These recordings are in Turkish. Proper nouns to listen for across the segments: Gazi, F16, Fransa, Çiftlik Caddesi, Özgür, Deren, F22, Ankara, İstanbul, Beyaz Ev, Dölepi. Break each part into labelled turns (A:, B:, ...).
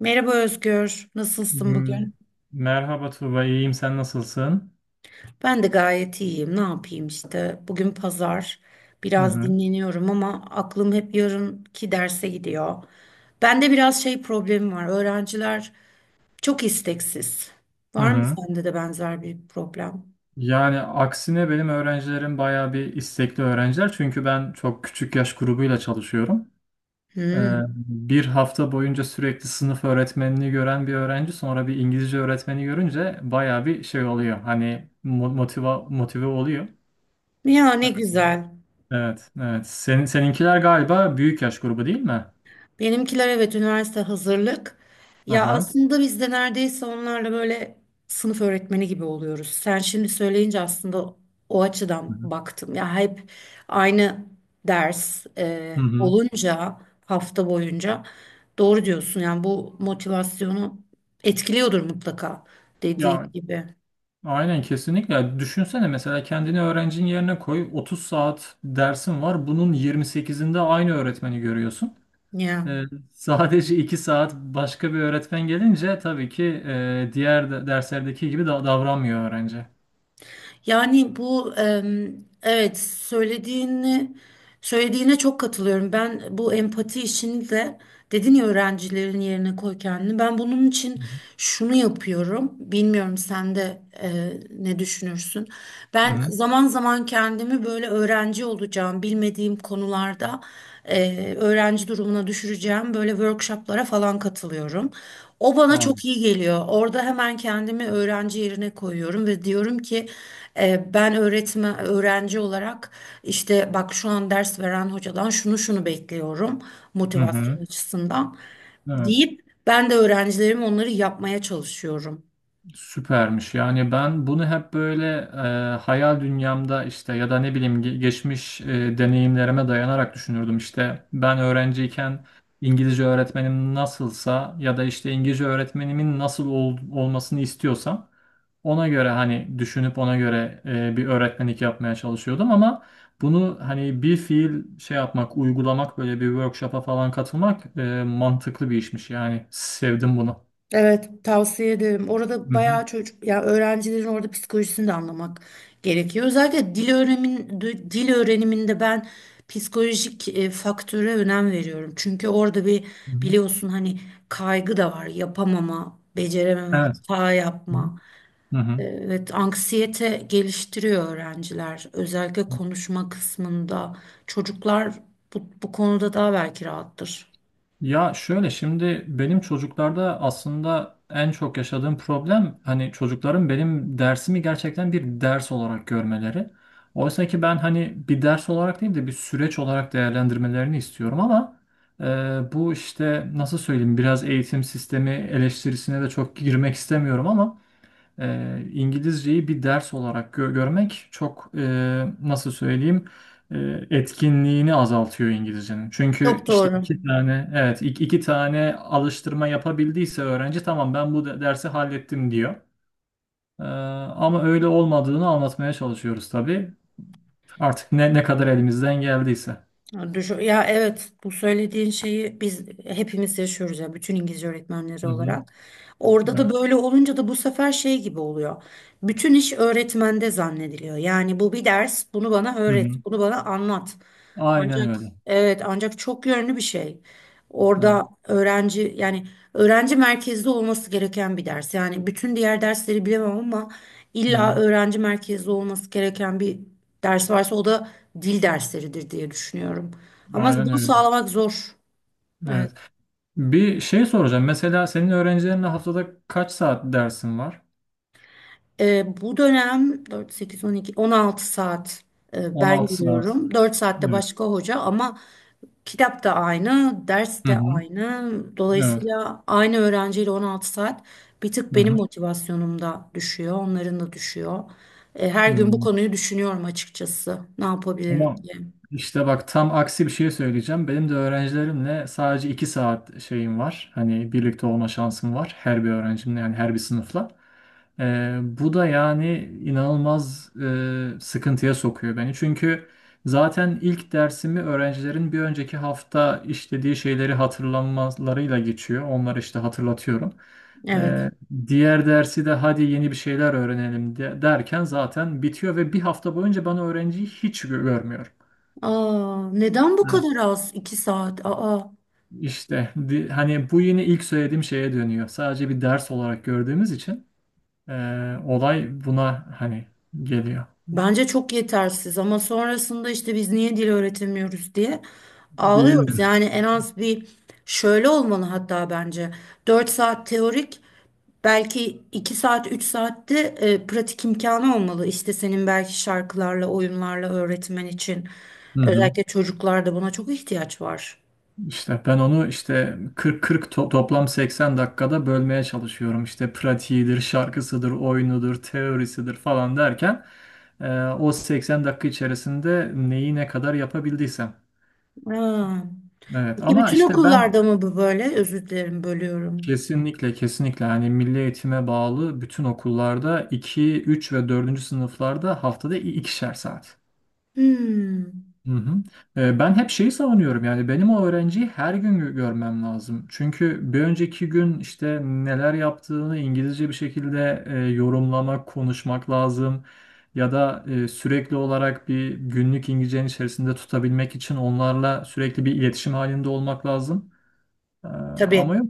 A: Merhaba Özgür, nasılsın
B: M-
A: bugün?
B: Merhaba Tuğba, iyiyim. Sen nasılsın?
A: Ben de gayet iyiyim. Ne yapayım işte? Bugün pazar.
B: Hı
A: Biraz
B: hı.
A: dinleniyorum ama aklım hep yarınki derse gidiyor. Bende biraz şey problemi var. Öğrenciler çok isteksiz.
B: Hı
A: Var mı
B: hı.
A: sende de benzer bir problem?
B: Yani aksine benim öğrencilerim bayağı bir istekli öğrenciler. Çünkü ben çok küçük yaş grubuyla çalışıyorum.
A: Hmm.
B: Bir hafta boyunca sürekli sınıf öğretmenini gören bir öğrenci sonra bir İngilizce öğretmeni görünce bayağı bir şey oluyor. Hani mo- motiva motive oluyor.
A: Ya ne güzel.
B: Evet, evet. Seninkiler galiba büyük yaş grubu, değil mi?
A: Benimkiler, evet, üniversite hazırlık. Ya
B: Aha.
A: aslında biz de neredeyse onlarla böyle sınıf öğretmeni gibi oluyoruz. Sen şimdi söyleyince aslında o
B: Hı
A: açıdan
B: hı.
A: baktım. Ya hep aynı ders
B: Hı hı.
A: olunca hafta boyunca doğru diyorsun. Yani bu motivasyonu etkiliyordur mutlaka dediğin
B: Ya,
A: gibi.
B: aynen kesinlikle. Ya, düşünsene mesela kendini öğrencinin yerine koy. 30 saat dersin var. Bunun 28'inde aynı öğretmeni görüyorsun.
A: Ya.
B: Ee, sadece 2 saat başka bir öğretmen gelince tabii ki, diğer derslerdeki gibi davranmıyor öğrenci.
A: Yani bu, evet, söylediğine çok katılıyorum. Ben bu empati işini de dedin ya öğrencilerin yerine koy kendini. Ben bunun için şunu yapıyorum. Bilmiyorum sen de ne düşünürsün.
B: Hı
A: Ben
B: hı.
A: zaman zaman kendimi böyle öğrenci olacağım bilmediğim konularda öğrenci durumuna düşüreceğim böyle workshoplara falan katılıyorum. O
B: Hı hı.
A: bana
B: Anladım.
A: çok iyi geliyor. Orada hemen kendimi öğrenci yerine koyuyorum ve diyorum ki ben öğretmen öğrenci olarak işte bak şu an ders veren hocadan şunu şunu bekliyorum
B: Hı
A: motivasyon
B: hı.
A: açısından
B: Evet.
A: deyip ben de öğrencilerim onları yapmaya çalışıyorum.
B: Süpermiş. Yani ben bunu hep böyle hayal dünyamda işte ya da ne bileyim geçmiş deneyimlerime dayanarak düşünürdüm. İşte ben öğrenciyken İngilizce öğretmenim nasılsa ya da işte İngilizce öğretmenimin nasıl olmasını istiyorsam ona göre hani düşünüp ona göre bir öğretmenlik yapmaya çalışıyordum ama bunu hani bir fiil şey yapmak, uygulamak, böyle bir workshop'a falan katılmak mantıklı bir işmiş. Yani sevdim bunu.
A: Evet, tavsiye ederim. Orada
B: Hı hı,
A: bayağı çocuk, yani öğrencilerin orada psikolojisini de anlamak gerekiyor. Özellikle dil öğrenin, dil öğreniminde ben psikolojik faktöre önem veriyorum. Çünkü orada bir
B: hı hı.
A: biliyorsun hani kaygı da var, yapamama, becerememe,
B: Evet.
A: hata yapma.
B: Hı hı.
A: Evet, anksiyete geliştiriyor öğrenciler. Özellikle konuşma kısmında çocuklar bu konuda daha belki rahattır.
B: Ya, şöyle, şimdi benim çocuklarda aslında en çok yaşadığım problem hani çocukların benim dersimi gerçekten bir ders olarak görmeleri. Oysa ki ben hani bir ders olarak değil de bir süreç olarak değerlendirmelerini istiyorum ama bu işte nasıl söyleyeyim, biraz eğitim sistemi eleştirisine de çok girmek istemiyorum ama İngilizceyi bir ders olarak görmek çok nasıl söyleyeyim, e, etkinliğini azaltıyor İngilizcenin. Çünkü
A: Çok
B: işte
A: doğru.
B: iki tane, evet, iki tane alıştırma yapabildiyse öğrenci, tamam ben bu dersi hallettim diyor. E, Ama öyle olmadığını anlatmaya çalışıyoruz tabii. Artık ne kadar elimizden geldiyse.
A: Ya evet, bu söylediğin şeyi biz hepimiz yaşıyoruz ya, bütün İngilizce öğretmenleri
B: Hı hı.
A: olarak. Orada
B: Evet.
A: da böyle olunca da bu sefer şey gibi oluyor. Bütün iş öğretmende zannediliyor. Yani bu bir ders, bunu bana
B: Hı
A: öğret,
B: hı.
A: bunu bana anlat.
B: Aynen
A: Ancak
B: öyle.
A: evet, ancak çok yönlü bir şey.
B: Evet.
A: Orada öğrenci, yani öğrenci merkezli olması gereken bir ders. Yani bütün diğer dersleri bilemem ama
B: Hı
A: illa
B: hı.
A: öğrenci merkezli olması gereken bir ders varsa, o da dil dersleridir diye düşünüyorum. Ama
B: Aynen
A: bunu
B: öyle.
A: sağlamak zor. Evet.
B: Evet. Bir şey soracağım. Mesela senin öğrencilerinle haftada kaç saat dersin var?
A: Bu dönem 4, 8, 12, 16 saat
B: On
A: ben
B: altı saat.
A: giriyorum. 4 saatte
B: Evet.
A: başka hoca ama kitap da aynı, ders
B: Hı
A: de
B: hı.
A: aynı.
B: Evet.
A: Dolayısıyla aynı öğrenciyle 16 saat, bir tık
B: Hı
A: benim
B: hı.
A: motivasyonum da düşüyor, onların da düşüyor. Her gün bu
B: Hı.
A: konuyu düşünüyorum açıkçası. Ne yapabilirim
B: Ama
A: diye.
B: işte bak, tam aksi bir şey söyleyeceğim. Benim de öğrencilerimle sadece iki saat şeyim var. Hani birlikte olma şansım var. Her bir öğrencimle, yani her bir sınıfla. Bu da yani inanılmaz sıkıntıya sokuyor beni. Çünkü zaten ilk dersimi öğrencilerin bir önceki hafta işlediği şeyleri hatırlamalarıyla geçiyor. Onları işte hatırlatıyorum. Ee,
A: Evet.
B: Diğer dersi de hadi yeni bir şeyler öğrenelim derken zaten bitiyor ve bir hafta boyunca ben öğrenciyi hiç görmüyorum.
A: Aa, neden bu
B: Evet.
A: kadar az? 2 saat. Aa.
B: İşte hani bu yine ilk söylediğim şeye dönüyor. Sadece bir ders olarak gördüğümüz için e, olay buna hani geliyor.
A: Bence çok yetersiz ama sonrasında işte biz niye dil öğretemiyoruz diye
B: Değil
A: ağlıyoruz.
B: mi?
A: Yani en az bir, şöyle olmalı hatta bence: 4 saat teorik, belki 2 saat 3 saatte pratik imkanı olmalı. İşte senin belki şarkılarla oyunlarla öğretmen için,
B: Hı hı.
A: özellikle çocuklarda buna çok ihtiyaç var.
B: İşte ben onu işte 40-40, toplam 80 dakikada bölmeye çalışıyorum. İşte pratiğidir, şarkısıdır, oyunudur, teorisidir falan derken o 80 dakika içerisinde neyi ne kadar yapabildiysem.
A: Aa,
B: Evet
A: peki
B: ama
A: bütün
B: işte ben,
A: okullarda mı bu böyle? Özür dilerim, bölüyorum.
B: kesinlikle kesinlikle hani milli eğitime bağlı bütün okullarda 2, 3 ve dördüncü sınıflarda haftada ikişer saat.
A: Hmm.
B: Hı hı. Ben hep şeyi savunuyorum, yani benim o öğrenciyi her gün görmem lazım. Çünkü bir önceki gün işte neler yaptığını İngilizce bir şekilde yorumlamak, konuşmak lazım. Ya da sürekli olarak bir günlük İngilizcenin içerisinde tutabilmek için onlarla sürekli bir iletişim halinde olmak lazım. Ama
A: Tabii.
B: yok.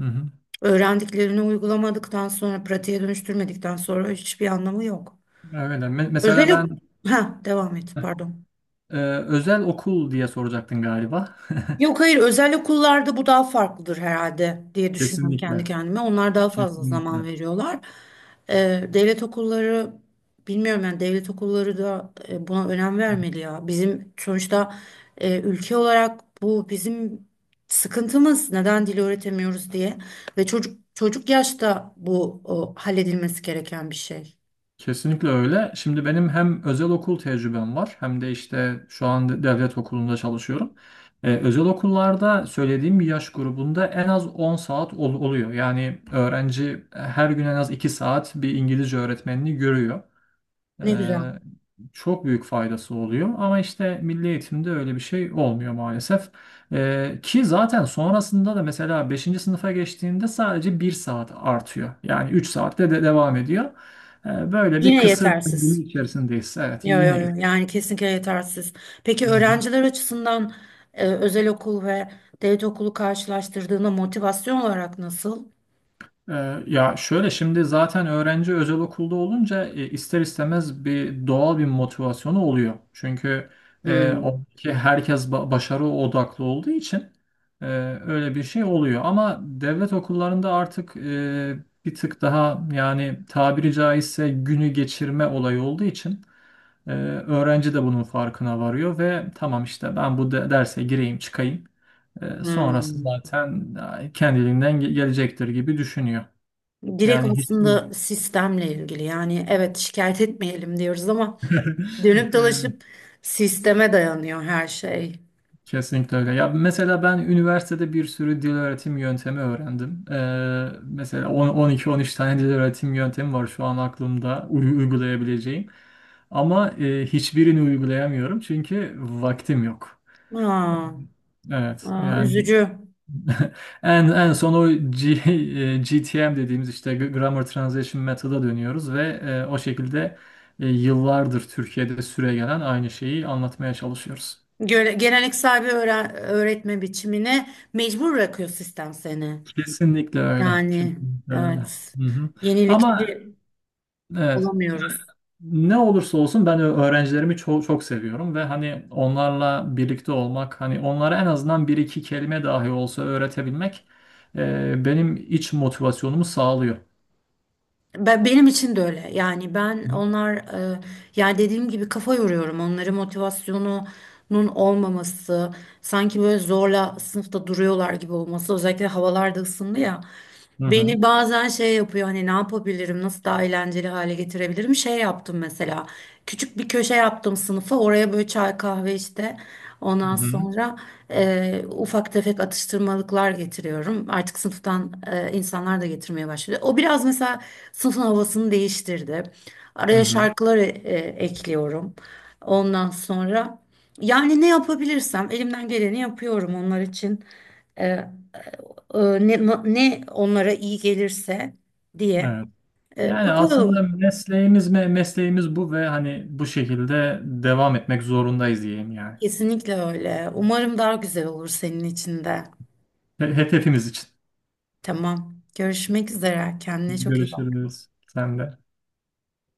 B: Hı hı.
A: Öğrendiklerini uygulamadıktan sonra, pratiğe dönüştürmedikten sonra hiçbir anlamı yok.
B: Öyle. Mesela
A: Özel ok-
B: ben,
A: ha, devam et, pardon.
B: özel okul diye soracaktın galiba.
A: Yok, hayır, özel okullarda bu daha farklıdır herhalde diye düşünüyorum kendi
B: Kesinlikle.
A: kendime. Onlar daha fazla zaman
B: Kesinlikle.
A: veriyorlar. Devlet okulları bilmiyorum, yani devlet okulları da buna önem vermeli ya. Bizim sonuçta ülke olarak bu bizim sıkıntımız, neden dil öğretemiyoruz diye, ve çocuk çocuk yaşta bu halledilmesi gereken bir şey.
B: Kesinlikle öyle. Şimdi benim hem özel okul tecrübem var hem de işte şu an devlet okulunda çalışıyorum. Özel okullarda söylediğim yaş grubunda en az 10 saat oluyor. Yani öğrenci her gün en az 2 saat bir İngilizce öğretmenini görüyor.
A: Ne güzel.
B: E, Çok büyük faydası oluyor ama işte milli eğitimde öyle bir şey olmuyor maalesef. Ki zaten sonrasında da mesela beşinci sınıfa geçtiğinde sadece bir saat artıyor. Yani 3 saatte de devam ediyor. Böyle bir
A: Yine
B: kısır döngünün
A: yetersiz.
B: içerisindeyiz. Evet,
A: Yo, yo,
B: yine.
A: yo. Yani kesinlikle yetersiz. Peki
B: Hı.
A: öğrenciler açısından özel okul ve devlet okulu karşılaştırdığında motivasyon olarak nasıl?
B: Ya, şöyle, şimdi zaten öğrenci özel okulda olunca ister istemez bir doğal bir motivasyonu oluyor. Çünkü
A: Hmm.
B: oradaki herkes başarı odaklı olduğu için e, öyle bir şey oluyor. Ama devlet okullarında artık bir tık daha, yani tabiri caizse günü geçirme olayı olduğu için öğrenci de bunun farkına varıyor ve tamam işte ben bu derse gireyim çıkayım. Sonrası
A: Hmm.
B: zaten kendiliğinden gelecektir gibi düşünüyor.
A: Direkt
B: Yani hiç.
A: aslında sistemle ilgili. Yani evet, şikayet etmeyelim diyoruz ama dönüp
B: Evet,
A: dolaşıp sisteme dayanıyor her şey.
B: kesinlikle öyle. Ya, mesela ben üniversitede bir sürü dil öğretim yöntemi öğrendim. Mesela 12-13 tane dil öğretim yöntemi var şu an aklımda uygulayabileceğim. Ama hiçbirini uygulayamıyorum çünkü vaktim yok.
A: Aa,
B: Evet,
A: aa,
B: yani.
A: üzücü.
B: En son o GTM dediğimiz işte Grammar Translation Method'a dönüyoruz ve o şekilde yıllardır Türkiye'de süregelen aynı şeyi anlatmaya çalışıyoruz.
A: Geleneksel bir öğretme biçimine mecbur bırakıyor sistem seni.
B: Kesinlikle öyle.
A: Yani
B: Kesinlikle öyle.
A: evet.
B: Hı hı. Ama
A: Yenilikçi
B: evet,
A: olamıyoruz.
B: ne olursa olsun ben öğrencilerimi çok çok seviyorum ve hani onlarla birlikte olmak, hani onlara en azından bir iki kelime dahi olsa öğretebilmek benim iç motivasyonumu sağlıyor.
A: Benim için de öyle. Yani ben
B: Hı
A: onlar e, yani dediğim gibi kafa yoruyorum. Onların motivasyonunun olmaması, sanki böyle zorla sınıfta duruyorlar gibi olması. Özellikle havalar da ısındı ya.
B: hı. Hı
A: Beni
B: hı.
A: bazen şey yapıyor, hani ne yapabilirim, nasıl daha eğlenceli hale getirebilirim. Şey yaptım mesela, küçük bir köşe yaptım sınıfa, oraya böyle çay kahve işte.
B: Hı
A: Ondan
B: hı.
A: sonra ufak tefek atıştırmalıklar getiriyorum artık sınıftan. E, insanlar da getirmeye başladı, o biraz mesela sınıfın havasını değiştirdi.
B: Hı
A: Araya
B: hı.
A: şarkılar ekliyorum. Ondan sonra yani ne yapabilirsem elimden geleni yapıyorum onlar için, e, ne onlara iyi gelirse diye.
B: Evet. Yani aslında
A: Bakalım.
B: mesleğimiz bu ve hani bu şekilde devam etmek zorundayız diyeyim yani.
A: Kesinlikle öyle. Umarım daha güzel olur senin için de.
B: Hepimiz için.
A: Tamam. Görüşmek üzere. Kendine çok iyi bak.
B: Görüşürüz. Sen de.